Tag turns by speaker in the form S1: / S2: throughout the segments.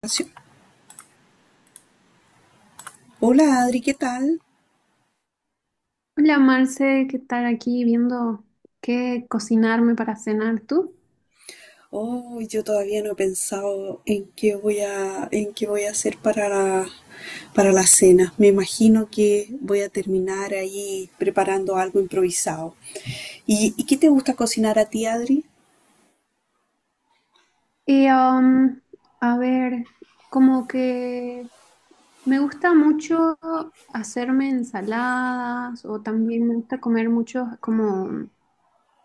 S1: Grabación. Hola Adri, ¿qué tal?
S2: Hola Marce, ¿qué tal aquí viendo qué cocinarme para cenar tú?
S1: Oh, yo todavía no he pensado en qué voy a hacer para la cena. Me imagino que voy a terminar ahí preparando algo improvisado. ¿Y qué te gusta cocinar a ti, Adri?
S2: Y um, a ver, como que me gusta mucho hacerme ensaladas o también me gusta comer muchos como,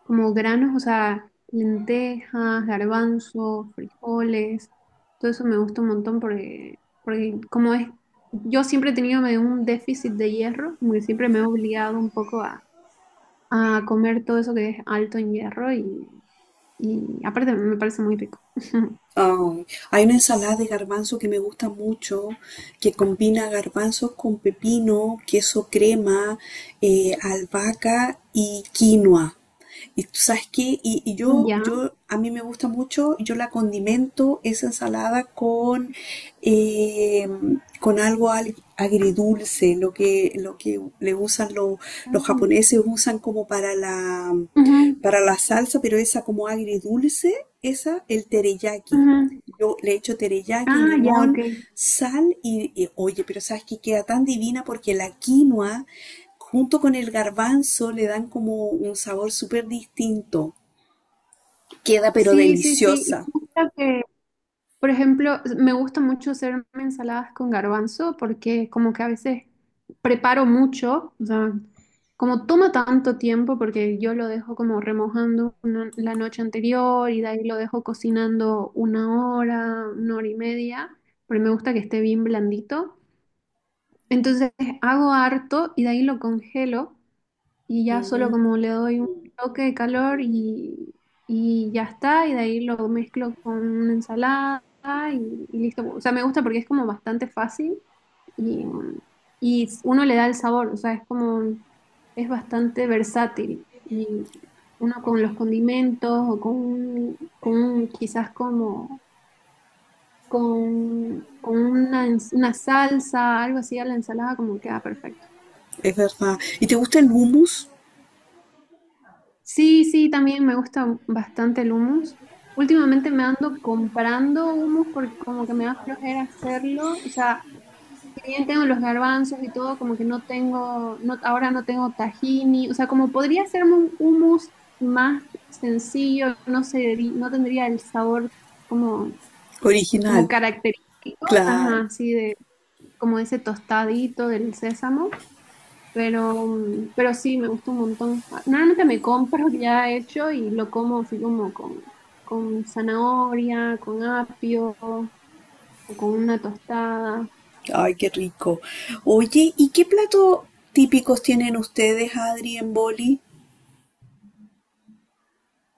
S2: como granos, o sea, lentejas, garbanzos, frijoles, todo eso me gusta un montón porque como es, yo siempre he tenido medio un déficit de hierro, como que siempre me he obligado un poco a comer todo eso que es alto en hierro y aparte me parece muy rico.
S1: Ay, hay una ensalada de garbanzo que me gusta mucho, que combina garbanzos con pepino, queso crema, albahaca y quinoa. Y tú sabes qué, y, y yo,
S2: Ya.
S1: yo, a mí me gusta mucho, yo la condimento esa ensalada eh, con algo agridulce, lo que le usan los
S2: Mm.
S1: japoneses, usan como para la,
S2: Ujú,
S1: para la salsa, pero esa como agridulce, esa, el teriyaki.
S2: ujú.
S1: Yo le echo teriyaki,
S2: Ah, ya,
S1: limón,
S2: ok.
S1: sal y, oye, pero sabes que queda tan divina porque la quinoa junto con el garbanzo le dan como un sabor súper distinto. Queda pero
S2: Sí, sí, sí. Y
S1: deliciosa.
S2: me gusta que, por ejemplo, me gusta mucho hacerme ensaladas con garbanzo porque como que a veces preparo mucho, o sea, como toma tanto tiempo porque yo lo dejo como remojando la noche anterior y de ahí lo dejo cocinando una hora y media, pero me gusta que esté bien blandito. Entonces hago harto y de ahí lo congelo y ya solo
S1: Mm,
S2: como le doy un toque de calor y ya está, y de ahí lo mezclo con una ensalada y listo. O sea, me gusta porque es como bastante fácil y, y uno le da el sabor, o sea, es como, es bastante versátil y uno con los condimentos o con, con quizás como con una, una salsa, algo así a la ensalada, como queda perfecto.
S1: es verdad. ¿Y te gusta el hummus
S2: Sí, sí, también me gusta bastante el hummus. Últimamente me ando comprando hummus porque como que me da flojera hacerlo. O sea, si bien tengo los garbanzos y todo, como que no tengo, no, ahora no tengo tahini. O sea, como podría hacerme un hummus más sencillo, no sé, no tendría el sabor como, como
S1: original?
S2: característico,
S1: Claro.
S2: ajá, sí, de, como ese tostadito del sésamo. Pero sí, me gusta un montón. Ah, normalmente me compro ya hecho y lo como así como con zanahoria, con apio o con una tostada.
S1: Ay, qué rico. Oye, ¿y qué platos típicos tienen ustedes, Adri, en Boli?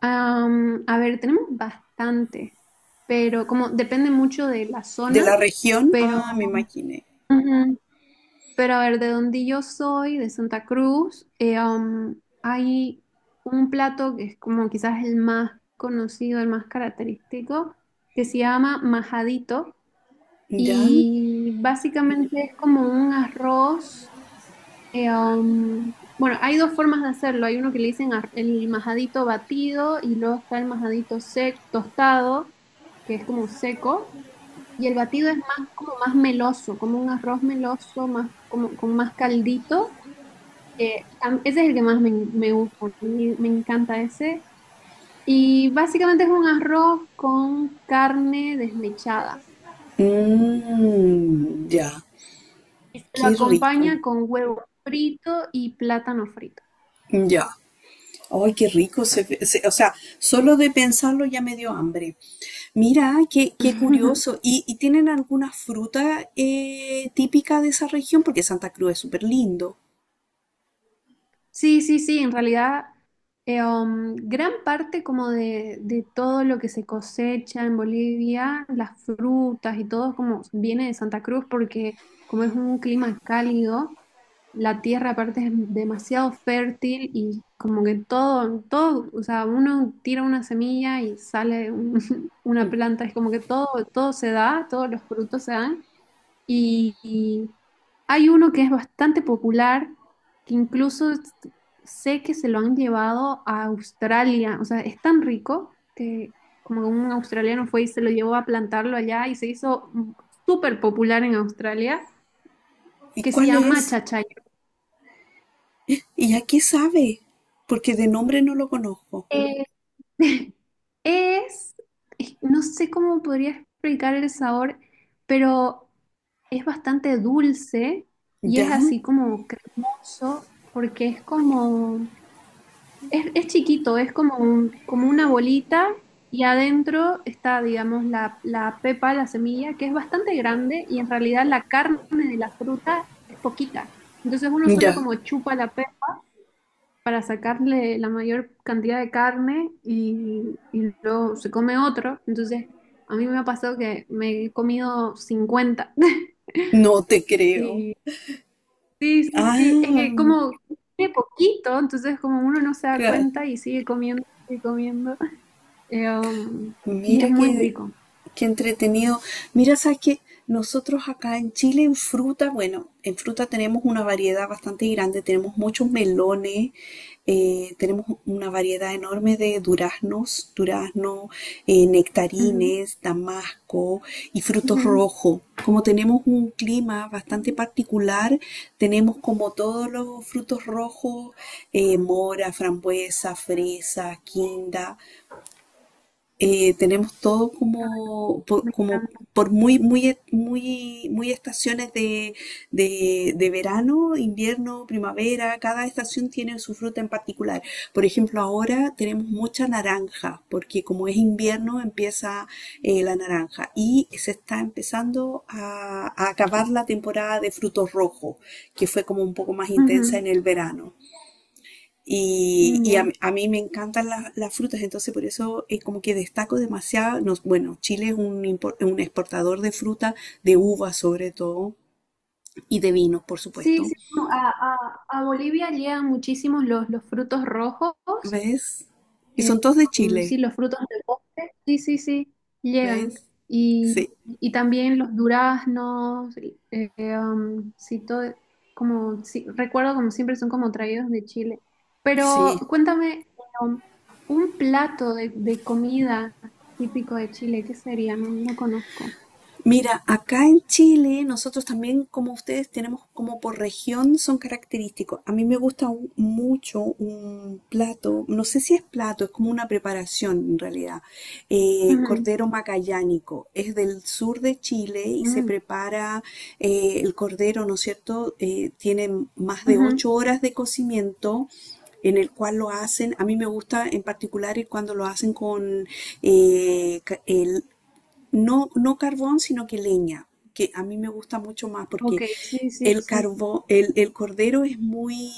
S2: A ver, tenemos bastantes, pero como depende mucho de la
S1: ¿De la
S2: zona,
S1: región?
S2: pero
S1: Ah, me imaginé.
S2: ujú, pero a ver, de donde yo soy, de Santa Cruz, hay un plato que es como quizás el más conocido, el más característico, que se llama majadito.
S1: ¿Ya?
S2: Y básicamente es como un arroz. Bueno, hay dos formas de hacerlo. Hay uno que le dicen el majadito batido y luego está el majadito sec, tostado, que es como seco. Y el batido es más como más meloso, como un arroz meloso, más como con más caldito. Ese es el que más me, me gusta, a mí me encanta ese. Y básicamente es un arroz con carne desmechada.
S1: Mm, ya.
S2: Y se lo
S1: Qué rico.
S2: acompaña con huevo frito y plátano frito.
S1: Ya. Ay, qué rico. O sea, solo de pensarlo ya me dio hambre. Mira, qué curioso. ¿Y tienen alguna fruta típica de esa región? Porque Santa Cruz es súper lindo.
S2: Sí, sí, sí, en realidad gran parte como de todo lo que se cosecha en Bolivia, las frutas y todo como viene de Santa Cruz porque como es un clima cálido, la tierra aparte es demasiado fértil y como que todo, todo, o sea, uno tira una semilla y sale un- una planta, es como que todo, todo se da, todos los frutos se dan. Y hay uno que es bastante popular, que incluso sé que se lo han llevado a Australia. O sea, es tan rico que como un australiano fue y se lo llevó a plantarlo allá y se hizo súper popular en Australia,
S1: ¿Y
S2: que se
S1: cuál
S2: llama
S1: es?
S2: chachayo.
S1: ¿Y a qué sabe? Porque de nombre no lo conozco.
S2: Eh, es, no sé cómo podría explicar el sabor, pero es bastante dulce y es
S1: ¿Ya?
S2: así como cremoso porque es como... es chiquito, es como un, como una bolita y adentro está, digamos, la pepa, la semilla, que es bastante grande y en realidad la carne de la fruta es poquita. Entonces uno solo
S1: Ya.
S2: como chupa la pepa para sacarle la mayor cantidad de carne y luego se come otro. Entonces a mí me ha pasado que me he comido 50.
S1: No te creo.
S2: Y sí, sí, sí, es
S1: Ah,
S2: que como tiene poquito, entonces como uno no se da
S1: claro.
S2: cuenta y sigue comiendo, sigue comiendo. Eh, um, y es
S1: Mira
S2: muy
S1: qué,
S2: rico.
S1: qué entretenido. Mira, sabes que nosotros acá en Chile en fruta, bueno, en fruta tenemos una variedad bastante grande, tenemos muchos melones, tenemos una variedad enorme de duraznos,
S2: Ujú,
S1: nectarines, damasco y frutos
S2: ujú.
S1: rojos. Como tenemos un clima bastante particular, tenemos como todos los frutos rojos, mora, frambuesa, fresa, quinda, tenemos todo como, por,
S2: Me
S1: como
S2: encanta.
S1: por muy, muy, muy, muy estaciones de, de verano, invierno, primavera, cada estación tiene su fruta en particular. Por ejemplo, ahora tenemos mucha naranja, porque como es invierno empieza, la naranja y se está empezando a acabar la temporada de frutos rojos, que fue como un poco más intensa
S2: Ujú,
S1: en el verano. Y,
S2: mm,
S1: y a,
S2: ya.
S1: a mí me encantan las frutas, entonces por eso, como que destaco demasiado. Bueno, Chile es un exportador de fruta, de uvas sobre todo, y de vinos, por
S2: Sí,
S1: supuesto.
S2: sí, como a, a Bolivia llegan muchísimos los frutos rojos.
S1: ¿Ves? Y
S2: Eh,
S1: son todos de Chile,
S2: sí, los frutos del bosque, sí, sí, sí, llegan.
S1: ¿ves? Sí,
S2: Y también los duraznos, sí, todo, como, sí, recuerdo como siempre son como traídos de Chile. Pero
S1: sí.
S2: cuéntame, um, un plato de comida típico de Chile, ¿qué sería? No, no conozco.
S1: Mira, acá en Chile nosotros también, como ustedes, tenemos como por región son característicos. A mí me gusta, mucho un plato, no sé si es plato, es como una preparación en realidad. eh,
S2: Ujú,
S1: cordero magallánico. Es del sur de Chile y se
S2: mm,
S1: prepara, el cordero, ¿no es cierto? Tiene más de
S2: ujú.
S1: 8 horas de cocimiento. En el cual lo hacen, a mí me gusta en particular el cuando lo hacen con, ca- el no, no carbón, sino que leña, que a mí me gusta mucho más porque
S2: Ok, sí, sí,
S1: el
S2: sí.
S1: carbón, el cordero es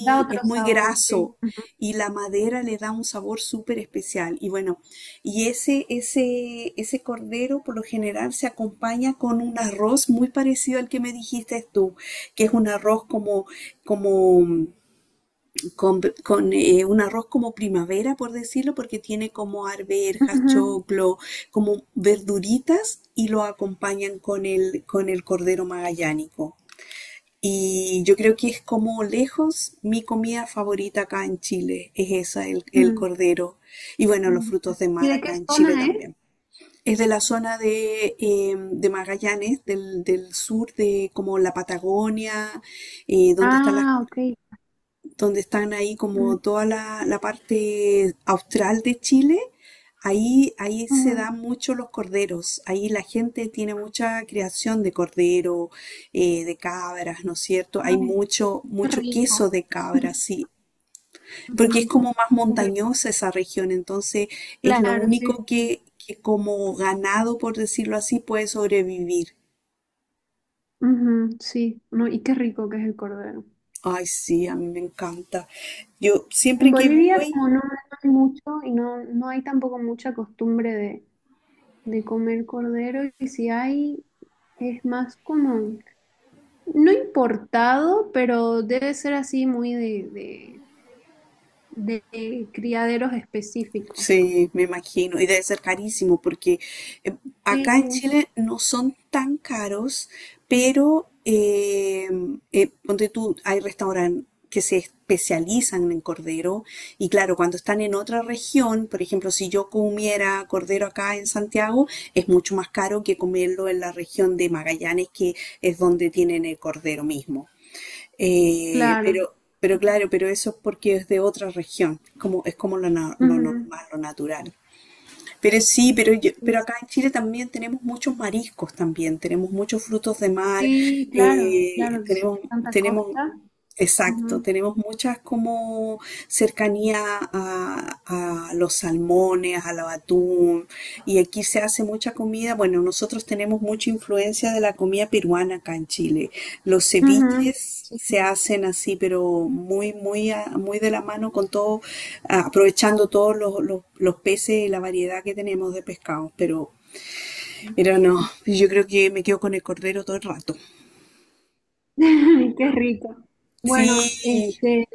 S2: Da
S1: es
S2: otro
S1: muy
S2: sabor, sí.
S1: graso y la madera le da un sabor súper especial. Y bueno, y ese cordero por lo general se acompaña con un arroz muy parecido al que me dijiste tú, que es un arroz como con un arroz como primavera, por decirlo, porque tiene como arvejas,
S2: Ujú,
S1: choclo, como verduritas y lo acompañan con el cordero magallánico. Y yo creo que es como lejos mi comida favorita acá en Chile, es esa, el
S2: ujú,
S1: cordero. Y bueno, los
S2: ujú.
S1: frutos de
S2: ¿Y
S1: mar
S2: de qué
S1: acá en Chile
S2: zona es?
S1: también. Es de la zona de Magallanes, del sur de como la Patagonia, eh, donde están las
S2: Ah, ok.
S1: donde están ahí
S2: Mm,
S1: como toda la parte austral de Chile, ahí se
S2: ujú.
S1: dan mucho los corderos, ahí la gente tiene mucha creación de cordero, de cabras, ¿no es cierto? Hay
S2: Ay,
S1: mucho,
S2: qué
S1: mucho
S2: rico.
S1: queso de cabras, sí, porque es
S2: Ujú,
S1: como más
S2: qué rico.
S1: montañosa esa región, entonces es lo
S2: Claro, sí,
S1: único
S2: sí.
S1: que como ganado, por decirlo así, puede sobrevivir.
S2: Ujú, sí, no, y qué rico que es el cordero.
S1: Ay, sí, a mí me encanta. Yo
S2: En
S1: siempre que
S2: Bolivia
S1: voy,
S2: como no hay mucho y no, no hay tampoco mucha costumbre de comer cordero y si hay es más como, no importado, pero debe ser así muy de criaderos específicos.
S1: sí, me imagino. Y debe ser carísimo porque, eh,
S2: Sí,
S1: acá en
S2: sí,
S1: Chile no son tan caros, pero ponte tú, hay restaurantes que se especializan en cordero. Y claro, cuando están en otra región, por ejemplo, si yo comiera cordero acá en Santiago, es mucho más caro que comerlo en la región de Magallanes, que es donde tienen el cordero mismo. Eh,
S2: claro.
S1: pero, pero claro, pero eso es porque es de otra región, como, es como lo
S2: Ujú.
S1: normal, lo natural. Pero sí, pero, yo-
S2: Sí,
S1: pero
S2: sí.
S1: acá en Chile también tenemos muchos mariscos también, tenemos muchos frutos de mar,
S2: Sí, claro, claro, es
S1: tenemos,
S2: tanta
S1: tenemos
S2: costa.
S1: exacto,
S2: Ujú,
S1: tenemos muchas como cercanía a los salmones, al atún, y aquí se hace mucha comida. Bueno, nosotros tenemos mucha influencia de la comida peruana acá en Chile. Los
S2: ujú,
S1: ceviches
S2: sí.
S1: se hacen así, pero muy, muy de la mano con todo, aprovechando todos los, los peces y la variedad que tenemos de pescados. pero, no, yo creo que me quedo con el cordero todo el rato.
S2: Qué rico.
S1: Sí,
S2: Bueno, este,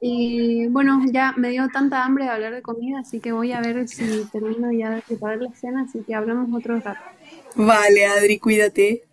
S2: y bueno, ya me dio tanta hambre de hablar de comida, así que voy a ver si termino ya de preparar la cena, así que hablamos otro rato.
S1: vale, Adri, cuídate.